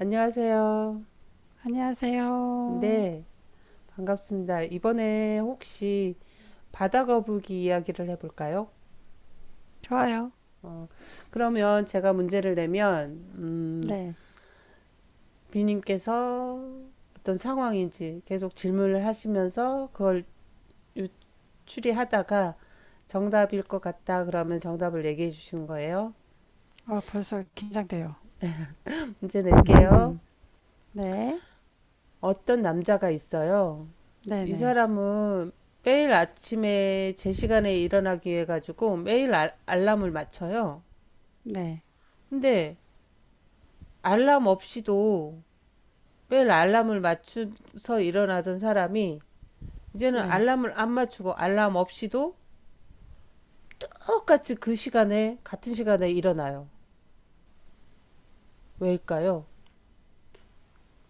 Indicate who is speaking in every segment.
Speaker 1: 안녕하세요.
Speaker 2: 안녕하세요.
Speaker 1: 네, 반갑습니다. 이번에 혹시 바다 거북이 이야기를 해볼까요?
Speaker 2: 좋아요.
Speaker 1: 어, 그러면 제가 문제를 내면,
Speaker 2: 네.
Speaker 1: 비님께서 어떤 상황인지 계속 질문을 하시면서 그걸 추리하다가 정답일 것 같다 그러면 정답을 얘기해 주시는 거예요.
Speaker 2: 벌써 긴장돼요.
Speaker 1: 문제 낼게요.
Speaker 2: 네.
Speaker 1: 어떤 남자가 있어요. 이
Speaker 2: 네네.
Speaker 1: 사람은 매일 아침에 제 시간에 일어나기 위해 가지고 매일 알람을 맞춰요.
Speaker 2: 네.
Speaker 1: 근데 알람 없이도 매일 알람을 맞춰서 일어나던 사람이 이제는
Speaker 2: 네.
Speaker 1: 알람을 안 맞추고 알람 없이도 똑같이 그 시간에 같은 시간에 일어나요. 왜일까요?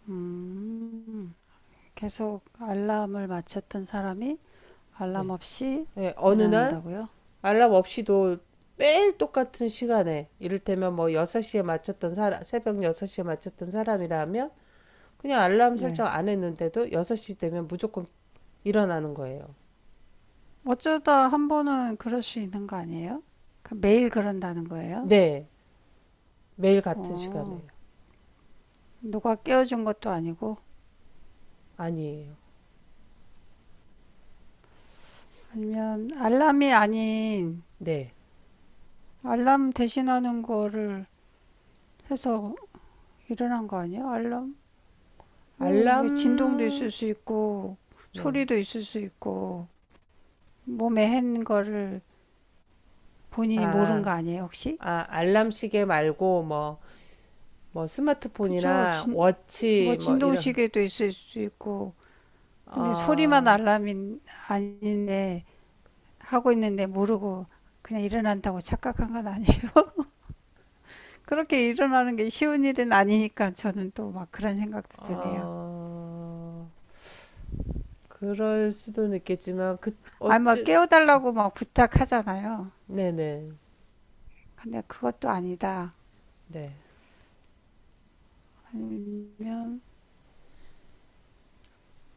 Speaker 2: 음. 계속 알람을 맞췄던 사람이 알람
Speaker 1: 네.
Speaker 2: 없이
Speaker 1: 네, 어느 날
Speaker 2: 일어난다고요?
Speaker 1: 알람 없이도 매일 똑같은 시간에 이를테면 뭐 6시에 맞췄던 사람, 새벽 6시에 맞췄던 사람이라면 그냥 알람
Speaker 2: 네.
Speaker 1: 설정 안 했는데도 6시 되면 무조건 일어나는 거예요.
Speaker 2: 어쩌다 한 번은 그럴 수 있는 거 아니에요? 그 매일 그런다는 거예요?
Speaker 1: 네. 매일 같은
Speaker 2: 어.
Speaker 1: 시간에요.
Speaker 2: 누가 깨워준 것도 아니고
Speaker 1: 아니에요.
Speaker 2: 아니면 알람이 아닌
Speaker 1: 네.
Speaker 2: 알람 대신하는 거를 해서 일어난 거 아니에요? 알람 왜,
Speaker 1: 알람,
Speaker 2: 진동도 있을 수 있고
Speaker 1: 네.
Speaker 2: 소리도 있을 수 있고 몸에 한 거를 본인이 모른
Speaker 1: 아,
Speaker 2: 거 아니에요, 혹시?
Speaker 1: 아, 알람 시계 말고 뭐, 뭐
Speaker 2: 그쵸.
Speaker 1: 스마트폰이나
Speaker 2: 뭐
Speaker 1: 워치 뭐 이런,
Speaker 2: 진동시계도 있을 수 있고 근데 소리만
Speaker 1: 어,
Speaker 2: 알람이 아닌데 하고 있는데 모르고 그냥 일어난다고 착각한 건 아니에요. 그렇게 일어나는 게 쉬운 일은 아니니까 저는 또 막 그런 생각도 드네요.
Speaker 1: 어, 그럴 수도 있겠지만, 그,
Speaker 2: 아니 막
Speaker 1: 어찌,
Speaker 2: 깨워달라고 막 부탁하잖아요.
Speaker 1: 네네.
Speaker 2: 근데 그것도 아니다.
Speaker 1: 네.
Speaker 2: 아니면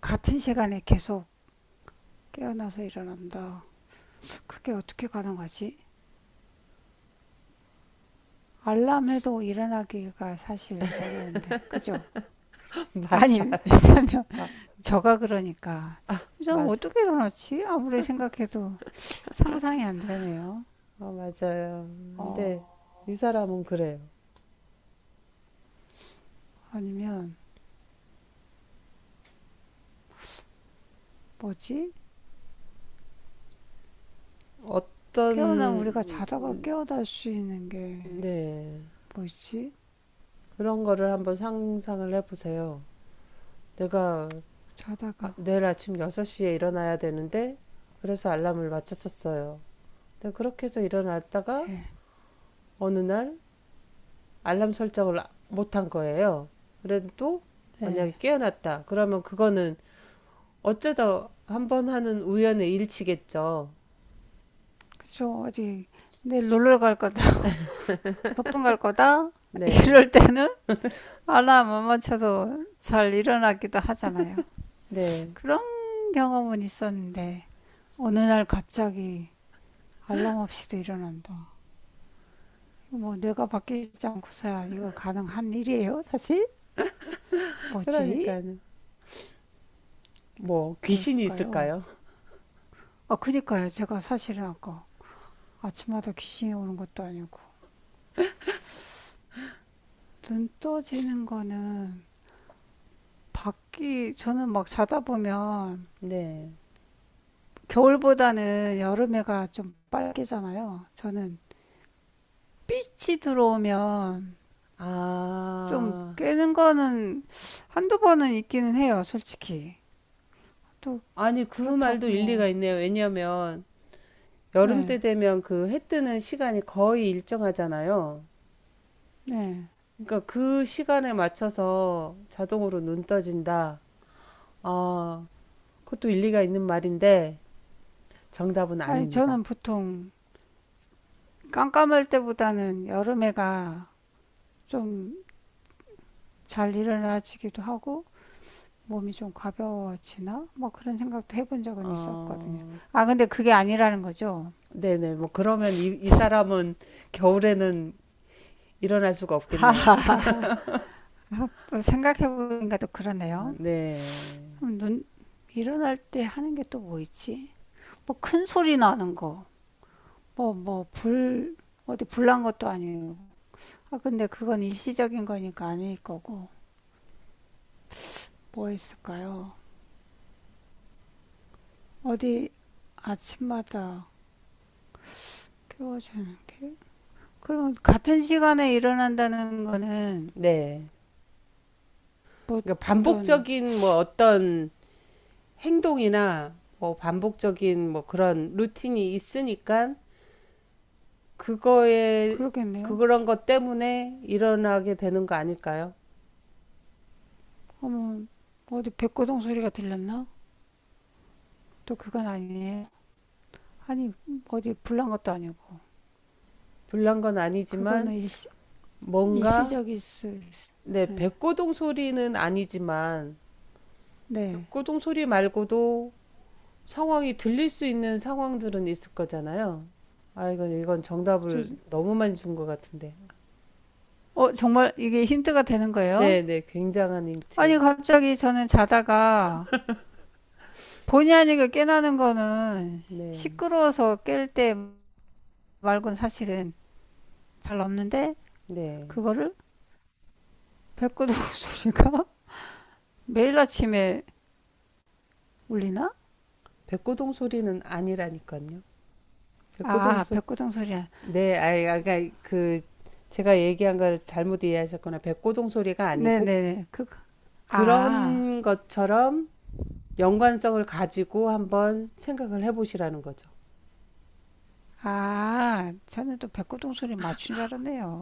Speaker 2: 같은 시간에 계속 깨어나서 일어난다. 그게 어떻게 가능하지? 알람해도 일어나기가 사실 어려운데, 그죠?
Speaker 1: 맞아.
Speaker 2: 아니, 왜냐면
Speaker 1: 마-
Speaker 2: 저가 그러니까 저는
Speaker 1: 맞아.
Speaker 2: 어떻게 일어났지? 아무리 생각해도 상상이 안 되네요.
Speaker 1: 어, 맞아요.
Speaker 2: 어,
Speaker 1: 근데 이 사람은 그래요.
Speaker 2: 아니면 뭐지?
Speaker 1: 어떤,
Speaker 2: 깨어나 우리가 자다가 깨어날 수 있는 게
Speaker 1: 네,
Speaker 2: 뭐 있지?
Speaker 1: 그런 거를 한번 상상을 해보세요. 내가
Speaker 2: 자다가
Speaker 1: 내일 아침 6시에 일어나야 되는데, 그래서 알람을 맞췄었어요. 근데 그렇게 해서 일어났다가
Speaker 2: 네,
Speaker 1: 어느 날 알람 설정을 못한 거예요. 그래도
Speaker 2: 네,
Speaker 1: 만약에 깨어났다. 그러면 그거는 어쩌다 한번 하는 우연의 일치겠죠.
Speaker 2: 그쵸 어디 내일 놀러 갈 거다, 소풍 갈 거다
Speaker 1: 네,
Speaker 2: 이럴 때는 알람 못 맞춰도 잘 일어나기도 하잖아요.
Speaker 1: 네.
Speaker 2: 그런 경험은 있었는데 어느 날 갑자기 알람 없이도 일어난다. 뭐 뇌가 바뀌지 않고서야 이거 가능한 일이에요, 사실? 뭐지?
Speaker 1: 그러니까요. 뭐, 귀신이
Speaker 2: 뭘까요?
Speaker 1: 있을까요?
Speaker 2: 아, 그니까요. 제가 사실은 아까 아침마다 귀신이 오는 것도 아니고 눈 떠지는 거는 밖이 저는 막 자다 보면
Speaker 1: 네.
Speaker 2: 겨울보다는 여름에가 좀 빨개잖아요. 저는 빛이 들어오면 좀
Speaker 1: 아,
Speaker 2: 깨는 거는 한두 번은 있기는 해요, 솔직히. 또
Speaker 1: 아니, 그
Speaker 2: 그렇다고
Speaker 1: 말도 일리가
Speaker 2: 뭐,
Speaker 1: 있네요. 왜냐면 여름 때
Speaker 2: 네,
Speaker 1: 되면 그 해 뜨는 시간이 거의 일정하잖아요.
Speaker 2: 네.
Speaker 1: 그러니까 그 시간에 맞춰서 자동으로 눈 떠진다. 어, 그것도 일리가 있는 말인데 정답은
Speaker 2: 아니,
Speaker 1: 아닙니다.
Speaker 2: 저는 보통 깜깜할 때보다는 여름에가 좀 잘 일어나지기도 하고, 몸이 좀 가벼워지나? 뭐 그런 생각도 해본 적은 있었거든요.
Speaker 1: 어,
Speaker 2: 아, 근데 그게 아니라는 거죠.
Speaker 1: 네네. 뭐 그러면 이 사람은 겨울에는 일어날 수가 없겠네요.
Speaker 2: 아, 또 생각해보니까 또
Speaker 1: 아,
Speaker 2: 그러네요.
Speaker 1: 네.
Speaker 2: 그럼 눈, 일어날 때 하는 게 또 뭐 있지? 뭐 큰 소리 나는 거. 뭐, 뭐, 불, 어디 불난 것도 아니고. 아, 근데 그건 일시적인 거니까 아닐 거고. 뭐 있을까요? 어디 아침마다 깨워주는 게? 그럼 같은 시간에 일어난다는 거는
Speaker 1: 네.
Speaker 2: 뭐
Speaker 1: 그러니까
Speaker 2: 어떤,
Speaker 1: 반복적인 뭐 어떤 행동이나 뭐 반복적인 뭐 그런 루틴이 있으니까 그거에
Speaker 2: 그러겠네요.
Speaker 1: 그런 것 때문에 일어나게 되는 거 아닐까요?
Speaker 2: 어머, 어디 백고동 소리가 들렸나? 또 그건 아니에요. 아니, 어디 불난 것도 아니고.
Speaker 1: 불난 건 아니지만
Speaker 2: 그거는 일시,
Speaker 1: 뭔가
Speaker 2: 일시적일 수, 있-
Speaker 1: 네,
Speaker 2: 네.
Speaker 1: 백고동 소리는 아니지만
Speaker 2: 네.
Speaker 1: 백고동 소리 말고도 상황이 들릴 수 있는 상황들은 있을 거잖아요. 아, 이건
Speaker 2: 저-
Speaker 1: 정답을 너무 많이 준 것 같은데.
Speaker 2: 정말 이게 힌트가 되는 거예요?
Speaker 1: 네, 네, 굉장한 힌트.
Speaker 2: 아니, 갑자기 저는 자다가 본의 아니게 깨나는 거는
Speaker 1: 네,
Speaker 2: 시끄러워서 깰 때 말곤 사실은 잘 없는데,
Speaker 1: 네.
Speaker 2: 그거를 백구동 소리가 매일 아침에 울리나?
Speaker 1: 백고동 소리는 아니라니까요. 백고동
Speaker 2: 아,
Speaker 1: 소
Speaker 2: 백구동 소리야.
Speaker 1: 네, 아이, 까그 제가 얘기한 걸 잘못 이해하셨거나 백고동 소리가 아니고
Speaker 2: 네네네. 그, 아,
Speaker 1: 그런 것처럼 연관성을 가지고 한번 생각을 해보시라는 거죠.
Speaker 2: 아, 저는 또 백구동 소리 맞춘 줄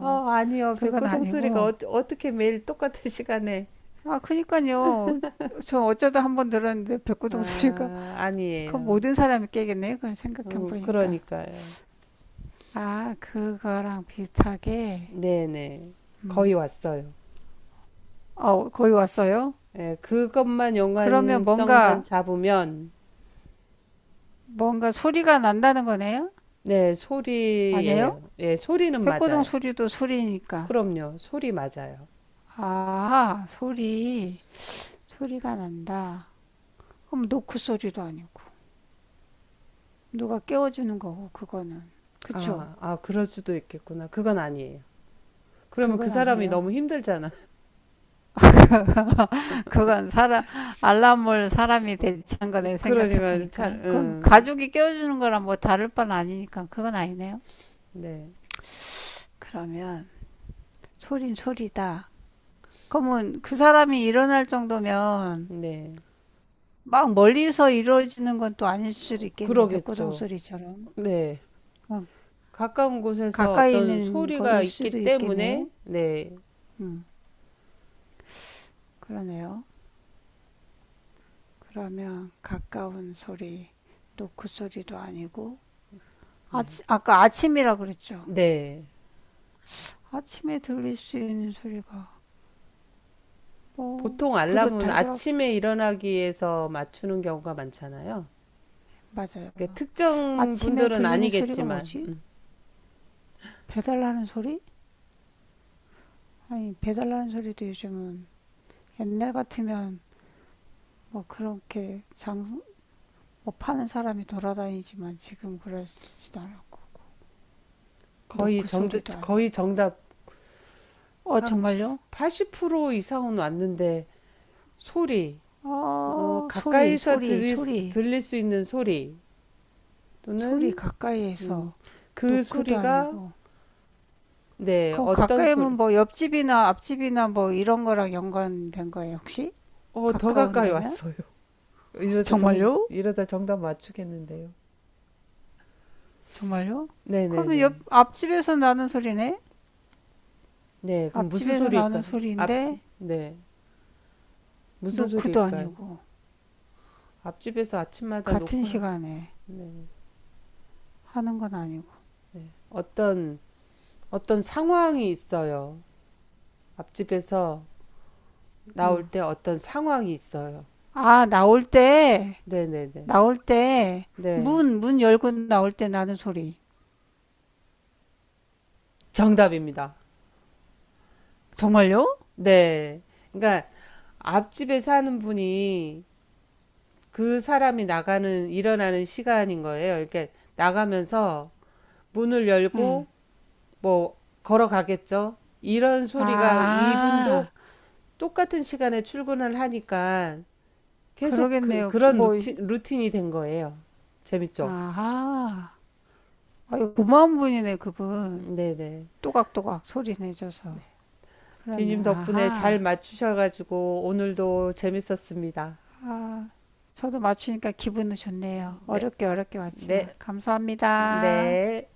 Speaker 1: 어, 아니요.
Speaker 2: 그건
Speaker 1: 백고동 소리가
Speaker 2: 아니고.
Speaker 1: 어떻게 매일 똑같은 시간에
Speaker 2: 아, 그니까요. 저 어쩌다 한번 들었는데 백구동 소리가
Speaker 1: 아,
Speaker 2: 그
Speaker 1: 아니에요.
Speaker 2: 모든 사람이 깨겠네. 그건 생각해
Speaker 1: 어,
Speaker 2: 보니까.
Speaker 1: 그러니까요.
Speaker 2: 아, 그거랑 비슷하게.
Speaker 1: 네네.
Speaker 2: 음.
Speaker 1: 거의 왔어요.
Speaker 2: 어, 거의 왔어요?
Speaker 1: 예, 그것만
Speaker 2: 그러면
Speaker 1: 연관성만 잡으면
Speaker 2: 뭔가 소리가 난다는 거네요?
Speaker 1: 네,
Speaker 2: 아니에요?
Speaker 1: 소리예요. 예, 소리는
Speaker 2: 백고동
Speaker 1: 맞아요.
Speaker 2: 소리도 소리니까.
Speaker 1: 그럼요. 소리 맞아요.
Speaker 2: 아, 소리. 소리가 난다. 그럼 노크 소리도 아니고. 누가 깨워주는 거고, 그거는. 그쵸?
Speaker 1: 아, 아, 그럴 수도 있겠구나. 그건 아니에요. 그러면 그
Speaker 2: 그건
Speaker 1: 사람이
Speaker 2: 아니에요.
Speaker 1: 너무 힘들잖아.
Speaker 2: 그건 사람, 알람을 사람이 대체한 거네,
Speaker 1: 그러니까 잘,
Speaker 2: 생각해보니까. 그럼 가족이 깨워주는 거랑 뭐 다를 바는 아니니까 그건 아니네요.
Speaker 1: 네,
Speaker 2: 그러면 소린 소리다. 그러면 그 사람이 일어날 정도면
Speaker 1: 네,
Speaker 2: 막 멀리서 이루어지는 건 또 아닐 수도 있겠네. 벽고동
Speaker 1: 그러겠죠.
Speaker 2: 소리처럼.
Speaker 1: 네,
Speaker 2: 어,
Speaker 1: 가까운 곳에서
Speaker 2: 가까이
Speaker 1: 어떤
Speaker 2: 있는
Speaker 1: 소리가
Speaker 2: 거일 수도
Speaker 1: 있기 때문에,
Speaker 2: 있겠네요.
Speaker 1: 네,
Speaker 2: 음, 그러네요. 그러면 가까운 소리, 노크 소리도 아니고 아까 아침이라 그랬죠.
Speaker 1: 네.
Speaker 2: 아침에 들릴 수 있는 소리가 뭐
Speaker 1: 보통
Speaker 2: 그릇
Speaker 1: 알람은
Speaker 2: 달그락
Speaker 1: 아침에 일어나기 위해서 맞추는 경우가 많잖아요.
Speaker 2: 맞아요.
Speaker 1: 그러니까 특정
Speaker 2: 아침에
Speaker 1: 분들은
Speaker 2: 들리는 소리가
Speaker 1: 아니겠지만
Speaker 2: 뭐지? 배달하는 소리? 아니 배달하는 소리도 요즘은 옛날 같으면 뭐 그렇게 장, 뭐 파는 사람이 돌아다니지만 지금 그러지도 않았고,
Speaker 1: 거의
Speaker 2: 노크
Speaker 1: 정답,
Speaker 2: 소리도
Speaker 1: 거의
Speaker 2: 아니고.
Speaker 1: 정답
Speaker 2: 어,
Speaker 1: 한
Speaker 2: 정말요?
Speaker 1: 80% 이상은 왔는데 소리. 어,
Speaker 2: 어, 소리, 소리, 소리,
Speaker 1: 들릴 수 있는 소리
Speaker 2: 소리
Speaker 1: 또는 음,
Speaker 2: 가까이에서
Speaker 1: 그
Speaker 2: 노크도
Speaker 1: 소리가
Speaker 2: 아니고.
Speaker 1: 네,
Speaker 2: 그럼
Speaker 1: 어떤
Speaker 2: 가까이면
Speaker 1: 소리?
Speaker 2: 뭐 옆집이나 앞집이나 뭐 이런 거랑 연관된 거예요, 혹시?
Speaker 1: 어, 더
Speaker 2: 가까운
Speaker 1: 가까이
Speaker 2: 데면?
Speaker 1: 왔어요.
Speaker 2: 정말요?
Speaker 1: 이러다 정답 맞추겠는데요.
Speaker 2: 정말요? 그러면
Speaker 1: 네네네.
Speaker 2: 앞집에서 나는 소리네?
Speaker 1: 네, 그럼 무슨
Speaker 2: 앞집에서 나는
Speaker 1: 소리일까요? 앞,
Speaker 2: 소리인데,
Speaker 1: 네, 무슨
Speaker 2: 노크도
Speaker 1: 소리일까요?
Speaker 2: 아니고.
Speaker 1: 앞집에서 아침마다
Speaker 2: 같은
Speaker 1: 놓고 할-
Speaker 2: 시간에 하는 건 아니고.
Speaker 1: 어떤 어떤 상황이 있어요. 앞집에서 나올 때 어떤 상황이 있어요.
Speaker 2: 아, 나올 때,
Speaker 1: 네네네.
Speaker 2: 나올 때,
Speaker 1: 네,
Speaker 2: 문 열고 나올 때 나는 소리.
Speaker 1: 정답입니다.
Speaker 2: 정말요?
Speaker 1: 네. 그러니까 앞집에 사는 분이 그 사람이 나가는 일어나는 시간인 거예요. 이렇게 나가면서 문을
Speaker 2: 응.
Speaker 1: 열고 뭐 걸어가겠죠. 이런 소리가 이분도
Speaker 2: 아,
Speaker 1: 똑같은 시간에 출근을 하니까 계속
Speaker 2: 그러겠네요.
Speaker 1: 그런
Speaker 2: 뭐,
Speaker 1: 루틴이 된 거예요. 재밌죠?
Speaker 2: 아하. 아유, 고마운 분이네, 그분.
Speaker 1: 네네.
Speaker 2: 또각또각 소리 내줘서. 그러네,
Speaker 1: 비님 덕분에 잘
Speaker 2: 아하.
Speaker 1: 맞추셔가지고 오늘도 재밌었습니다.
Speaker 2: 아, 저도 맞추니까 기분은 좋네요.
Speaker 1: 네,
Speaker 2: 어렵게 어렵게 왔지만.
Speaker 1: 네,
Speaker 2: 감사합니다.
Speaker 1: 네.